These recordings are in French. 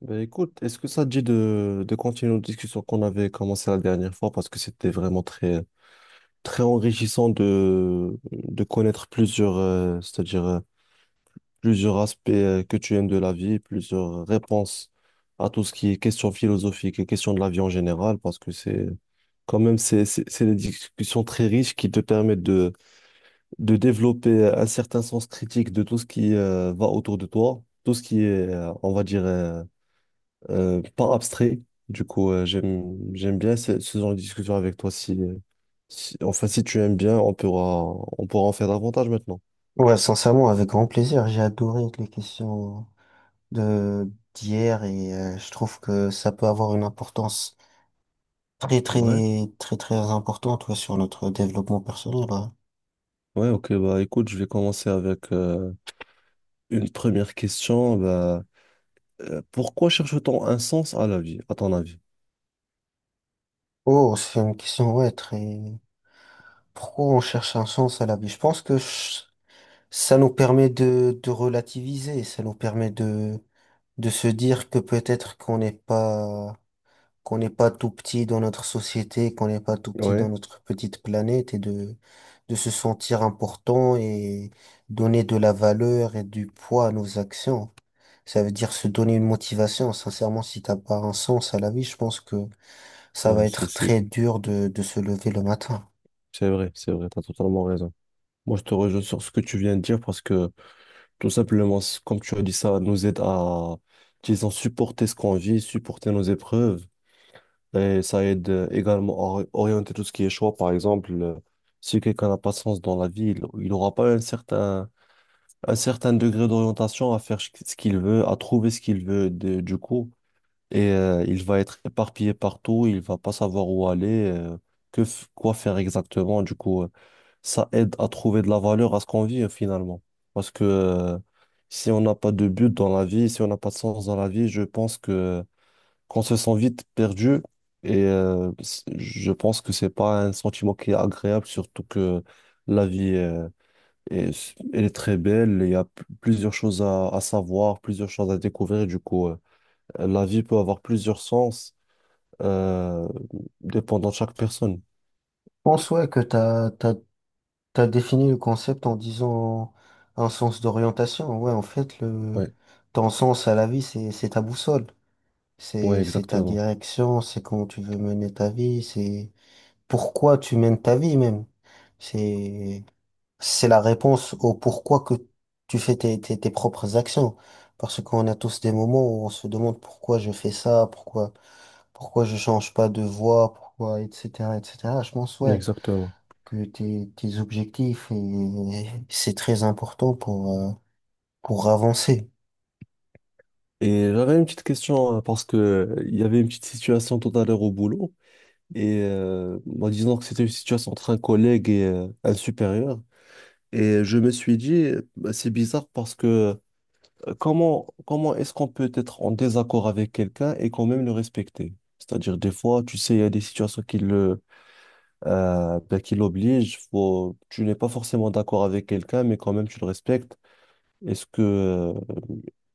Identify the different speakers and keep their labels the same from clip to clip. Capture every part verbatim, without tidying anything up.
Speaker 1: Ben écoute, est-ce que ça te dit de, de continuer notre discussion qu'on avait commencé la dernière fois parce que c'était vraiment très, très enrichissant de, de connaître plusieurs, euh, c'est-à-dire euh, plusieurs aspects euh, que tu aimes de la vie, plusieurs réponses à tout ce qui est question philosophique et question de la vie en général parce que c'est quand même c'est, c'est, c'est des discussions très riches qui te permettent de, de développer un certain sens critique de tout ce qui euh, va autour de toi, tout ce qui est, euh, on va dire, euh, euh, pas abstrait. Du coup, euh, j'aime, j'aime bien ce, ce genre de discussion avec toi. Si, euh, si- enfin, si tu aimes bien, on pourra, on pourra en faire davantage maintenant.
Speaker 2: Ouais, sincèrement, avec grand plaisir. J'ai adoré les questions de d'hier et euh, je trouve que ça peut avoir une importance très
Speaker 1: Ouais,
Speaker 2: très très très importante, ouais, sur notre développement personnel. Ouais.
Speaker 1: ouais, ok, bah écoute, je vais commencer avec euh, une première question. Bah, euh, pourquoi cherche-t-on un sens à la vie, à ton avis?
Speaker 2: Oh, c'est une question, ouais, très. Pourquoi on cherche un sens à la vie? Je pense que ch- ça nous permet de de relativiser, ça nous permet de de se dire que peut-être qu'on n'est pas qu'on n'est pas tout petit dans notre société, qu'on n'est pas tout petit dans
Speaker 1: Ouais,
Speaker 2: notre petite planète et de, de se sentir important et donner de la valeur et du poids à nos actions. Ça veut dire se donner une motivation. Sincèrement, si t'as pas un sens à la vie, je pense que ça va
Speaker 1: ouais, c'est,
Speaker 2: être
Speaker 1: c'est,
Speaker 2: très dur de, de se lever le matin.
Speaker 1: c'est vrai, c'est vrai, t'as totalement raison. Moi, je te rejoins sur ce que tu viens de dire parce que tout simplement, c- comme tu as dit, ça nous aide à, disons, supporter ce qu'on vit, supporter nos épreuves. Et ça aide euh, également à ori- orienter tout ce qui est choix. Par exemple, euh, si quelqu'un n'a pas de sens dans la vie, il il n'aura pas un certain, un certain degré d'orientation à faire ch- ce qu'il veut, à trouver ce qu'il veut. De- du coup, et euh, il va être éparpillé partout, il va pas savoir où aller, euh, que f- quoi faire exactement. Du coup, euh, ça aide à trouver de la valeur à ce qu'on vit euh, finalement. Parce que euh, si on n'a pas de but dans la vie, si on n'a pas de sens dans la vie, je pense que qu'on se sent vite perdu et euh, c- je pense que c'est pas un sentiment qui est agréable, surtout que la vie euh, est, elle est très belle, il y a p- plusieurs choses à, à savoir, plusieurs choses à découvrir, du coup. euh, euh, La vie peut avoir plusieurs sens, euh, dépendant de chaque personne.
Speaker 2: Je pense, ouais, que t'as, t'as, t'as défini le concept en disant un sens d'orientation. Ouais, en fait, le,
Speaker 1: Ouais,
Speaker 2: ton sens à la vie, c'est, c'est ta boussole.
Speaker 1: ouais,
Speaker 2: C'est, c'est ta
Speaker 1: exactement.
Speaker 2: direction, c'est comment tu veux mener ta vie, c'est pourquoi tu mènes ta vie même. C'est, c'est la réponse au pourquoi que tu fais tes, tes, tes propres actions. Parce qu'on a tous des moments où on se demande pourquoi je fais ça, pourquoi, pourquoi je change pas de voie, pourquoi, et cetera, et cetera. Je pense, ouais,
Speaker 1: Exactement.
Speaker 2: que tes, tes objectifs, et, c'est très important pour, euh, pour avancer.
Speaker 1: Et j'avais une petite question, hein, parce que euh, il y avait une petite situation tout à l'heure au boulot, et euh, bah, disons que c'était une situation entre un collègue et euh, un supérieur. Et je me suis dit, euh, bah, c'est bizarre parce que euh, comment, comment est-ce qu'on peut être en désaccord avec quelqu'un et quand même le respecter? C'est-à-dire, des fois, tu sais, il y a des situations qui le, euh, ben, qui l'oblige. Faut... Tu n'es pas forcément d'accord avec quelqu'un, mais quand même, tu le respectes. Est-ce que, euh,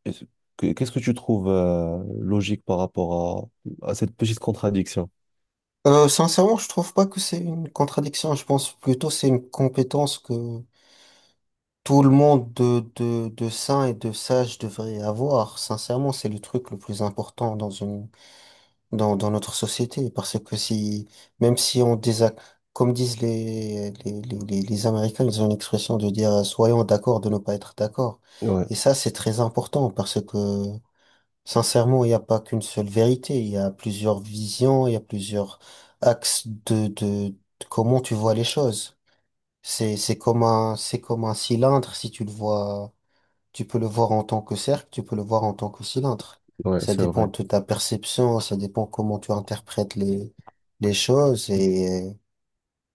Speaker 1: est-ce que- qu'est-ce que tu trouves euh, logique par rapport à, à cette petite contradiction?
Speaker 2: Euh, sincèrement, je trouve pas que c'est une contradiction. Je pense plutôt c'est une compétence que tout le monde de, de, de sain et de sage devrait avoir. Sincèrement, c'est le truc le plus important dans une, dans, dans notre société. Parce que si, même si on désac, comme disent les, les, les, les, les Américains, ils ont une expression de dire, euh, soyons d'accord de ne pas être d'accord.
Speaker 1: Ouais,
Speaker 2: Et ça, c'est très important parce que sincèrement, il n'y a pas qu'une seule vérité, il y a plusieurs visions, il y a plusieurs axes de, de, de comment tu vois les choses. C'est, c'est comme un, c'est comme un cylindre, si tu le vois, tu peux le voir en tant que cercle, tu peux le voir en tant que cylindre.
Speaker 1: ouais,
Speaker 2: Ça
Speaker 1: c'est
Speaker 2: dépend
Speaker 1: vrai.
Speaker 2: de ta perception, ça dépend comment tu interprètes les, les choses et euh,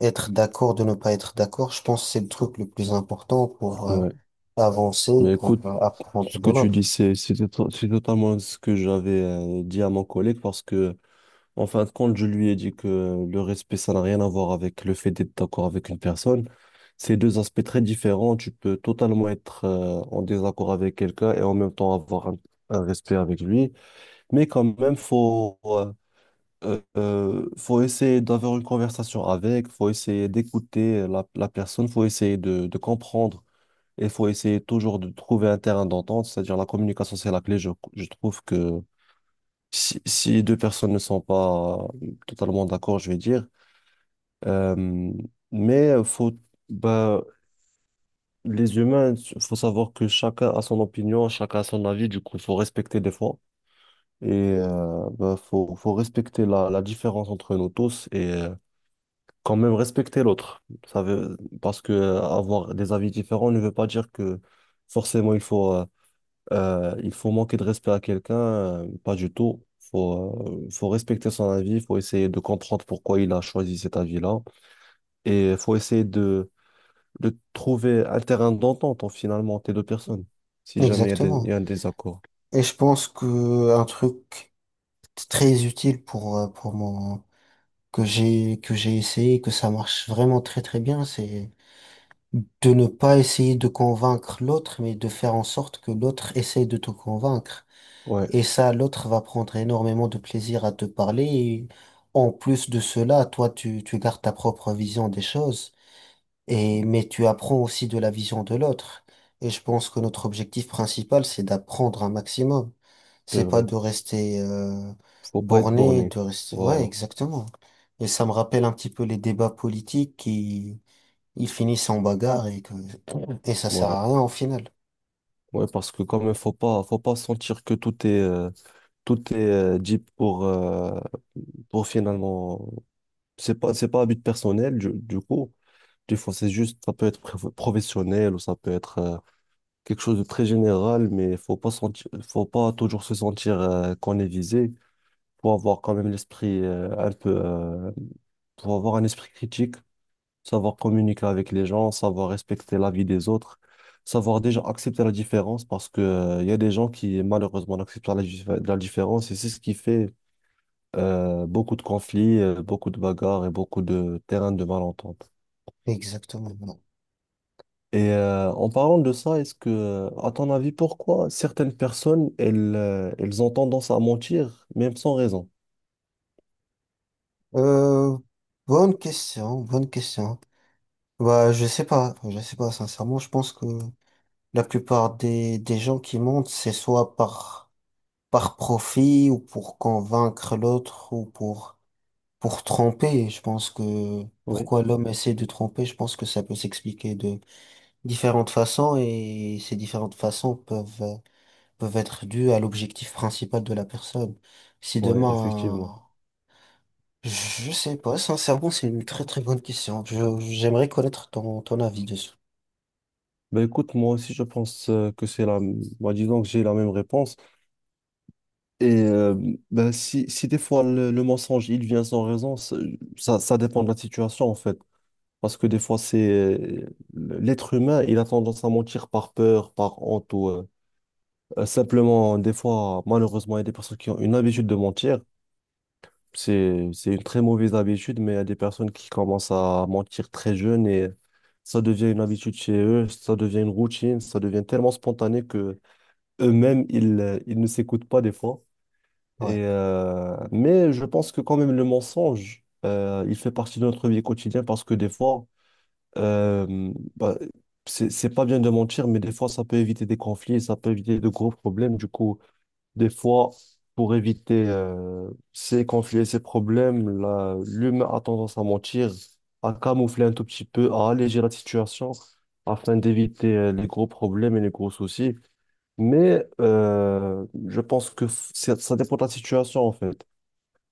Speaker 2: être d'accord de ne pas être d'accord, je pense que c'est le truc le plus important pour euh,
Speaker 1: Ouais.
Speaker 2: avancer,
Speaker 1: Mais
Speaker 2: pour
Speaker 1: écoute,
Speaker 2: euh, apprendre
Speaker 1: ce
Speaker 2: de
Speaker 1: que tu dis,
Speaker 2: l'autre.
Speaker 1: c'est c'est to- c'est totalement ce que j'avais euh, dit à mon collègue parce que En fin de compte, je lui ai dit que le respect, ça n'a rien à voir avec le fait d'être d'accord avec une personne. C'est deux aspects très différents. Tu peux totalement être euh, en désaccord avec quelqu'un et en même temps avoir un, un respect avec lui. Mais quand même, faut, euh, euh, euh, faut essayer d'avoir une conversation avec, faut essayer d'écouter la, la personne, faut essayer de, de comprendre et faut essayer toujours de trouver un terrain d'entente. C'est-à-dire la communication, c'est la clé. Je, je trouve que si, si deux personnes ne sont pas euh, totalement d'accord, je vais dire. Euh, mais euh, faut, bah, les humains, faut savoir que chacun a son opinion, chacun a son avis, du coup, faut respecter des fois. Et euh, bah, faut, faut respecter la, la différence entre nous tous et euh, quand même respecter l'autre. Ça veut, parce que euh, avoir des avis différents ne veut pas dire que forcément il faut, euh, Euh, il faut manquer de respect à quelqu'un, euh, pas du tout. Faut, euh, faut respecter son avis, faut essayer de comprendre pourquoi il a choisi cet avis-là. Et faut essayer de, de trouver un terrain d'entente, en, finalement, entre les deux personnes, si jamais il y a des- il
Speaker 2: Exactement.
Speaker 1: y a un désaccord.
Speaker 2: Et je pense que un truc très utile pour, euh, pour mon, que j'ai, que j'ai essayé, que ça marche vraiment très très bien, c'est de ne pas essayer de convaincre l'autre, mais de faire en sorte que l'autre essaye de te convaincre.
Speaker 1: Ouais,
Speaker 2: Et ça, l'autre va prendre énormément de plaisir à te parler. Et en plus de cela, toi, tu, tu gardes ta propre vision des choses, et, mais tu apprends aussi de la vision de l'autre. Et je pense que notre objectif principal, c'est d'apprendre un maximum.
Speaker 1: c'est
Speaker 2: C'est pas
Speaker 1: vrai.
Speaker 2: de rester euh,
Speaker 1: Faut pas être
Speaker 2: borné,
Speaker 1: borné.
Speaker 2: de rester... Ouais,
Speaker 1: Voilà.
Speaker 2: exactement. Et ça me rappelle un petit peu les débats politiques qui ils finissent en bagarre et que et ça sert
Speaker 1: Ouais.
Speaker 2: à rien au final.
Speaker 1: Ouais, parce que quand même, faut pas, faut pas sentir que tout est, euh, tout est euh, dit pour, euh, pour finalement. C'est pas, c'est pas à but personnel, du, du coup. Des fois, c'est juste, ça peut être pro- professionnel ou ça peut être euh, quelque chose de très général, mais faut pas sentir, faut pas toujours se sentir euh, qu'on est visé. Faut avoir quand même l'esprit euh, un peu, euh, faut avoir un esprit critique, savoir communiquer avec les gens, savoir respecter la vie des autres, savoir déjà accepter la différence parce que, euh, il y a des gens qui malheureusement n'acceptent pas la, dif- la différence et c'est ce qui fait euh, beaucoup de conflits, euh, beaucoup de bagarres et beaucoup de terrains de malentente.
Speaker 2: Exactement. Non.
Speaker 1: Et euh, en parlant de ça, est-ce que, à ton avis, pourquoi certaines personnes, elles, euh, elles ont tendance à mentir, même sans raison?
Speaker 2: Euh, Bonne question, bonne question. Bah, je sais pas, je sais pas sincèrement. Je pense que la plupart des des gens qui montent, c'est soit par par profit ou pour convaincre l'autre ou pour Pour tromper. Je pense que
Speaker 1: Oui,
Speaker 2: pourquoi l'homme essaie de tromper, je pense que ça peut s'expliquer de différentes façons et ces différentes façons peuvent, euh, peuvent être dues à l'objectif principal de la personne. Si
Speaker 1: ouais, effectivement.
Speaker 2: demain, je sais pas, sincèrement, c'est une très très bonne question. Je, j'aimerais connaître ton, ton avis dessus.
Speaker 1: Ben écoute, moi aussi, je pense euh, que c'est la... moi disons que j'ai la même réponse. Et euh, ben, si, si des fois le, le mensonge il vient sans raison, ça, ça ça dépend de la situation en fait. Parce que des fois, c'est euh, l'être humain, il a tendance à mentir par peur, par honte ou euh, euh, simplement, des fois, malheureusement, il y a des personnes qui ont une habitude de mentir. C'est, c'est une très mauvaise habitude, mais il y a des personnes qui commencent à mentir très jeunes et ça devient une habitude chez eux, ça devient une routine, ça devient tellement spontané que eux-mêmes, ils, euh, ils ne s'écoutent pas des fois.
Speaker 2: Ouais.
Speaker 1: Et, euh, mais je pense que quand même le mensonge, euh, il fait partie de notre vie quotidienne parce que des fois, euh, bah, c'est, c'est pas bien de mentir, mais des fois, ça peut éviter des conflits, ça peut éviter de gros problèmes. Du coup, des fois, pour éviter euh, ces conflits et ces problèmes, la- l'humain a tendance à mentir, à camoufler un tout petit peu, à alléger la situation afin d'éviter euh, les gros problèmes et les gros soucis. Mais euh, je pense que f- ça ça dépend de la situation en fait.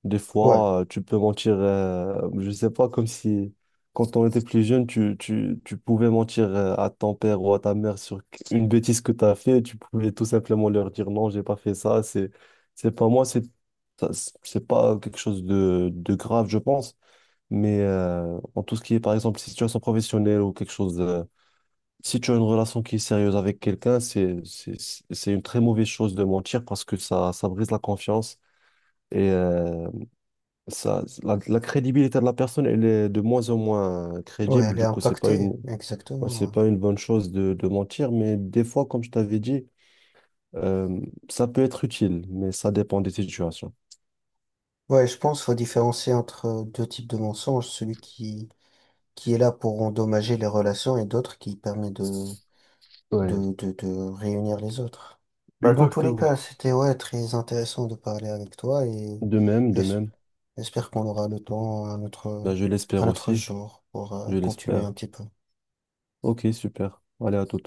Speaker 1: Des
Speaker 2: Ouais.
Speaker 1: fois, euh, tu peux mentir, euh, je sais pas, comme si quand on était plus jeune, tu, tu, tu pouvais mentir euh, à ton père ou à ta mère sur une bêtise que tu as fait. Tu pouvais tout simplement leur dire non, j'ai pas fait ça, c'est, c'est pas moi, c'est, ça, c'est pas quelque chose de, de grave, je pense. Mais euh, en tout ce qui est, par exemple, situation professionnelle ou quelque chose de- si tu as une relation qui est sérieuse avec quelqu'un, c'est, c'est, c'est une très mauvaise chose de mentir parce que ça, ça brise la confiance. Et euh, ça, la, la crédibilité de la personne, elle est de moins en moins
Speaker 2: Ouais,
Speaker 1: crédible.
Speaker 2: elle est
Speaker 1: Du coup, c'est pas
Speaker 2: impactée.
Speaker 1: une, ouais, c'est
Speaker 2: Exactement.
Speaker 1: pas une bonne chose de, de mentir, mais des fois, comme je t'avais dit, euh, ça peut être utile, mais ça dépend des situations.
Speaker 2: Ouais, Ouais, je pense qu'il faut différencier entre deux types de mensonges, celui qui, qui est là pour endommager les relations et d'autres qui permet de
Speaker 1: Ouais,
Speaker 2: de, de, de réunir les autres. Bah, dans tous les cas,
Speaker 1: exactement.
Speaker 2: c'était, ouais, très intéressant de parler avec toi et
Speaker 1: De même, de
Speaker 2: j'es-
Speaker 1: même.
Speaker 2: j'espère qu'on aura le temps à notre,
Speaker 1: Bah, je
Speaker 2: à
Speaker 1: l'espère
Speaker 2: notre
Speaker 1: aussi.
Speaker 2: jour pour euh,
Speaker 1: Je
Speaker 2: continuer
Speaker 1: l'espère.
Speaker 2: un petit peu.
Speaker 1: Ok, super. Allez, à tout.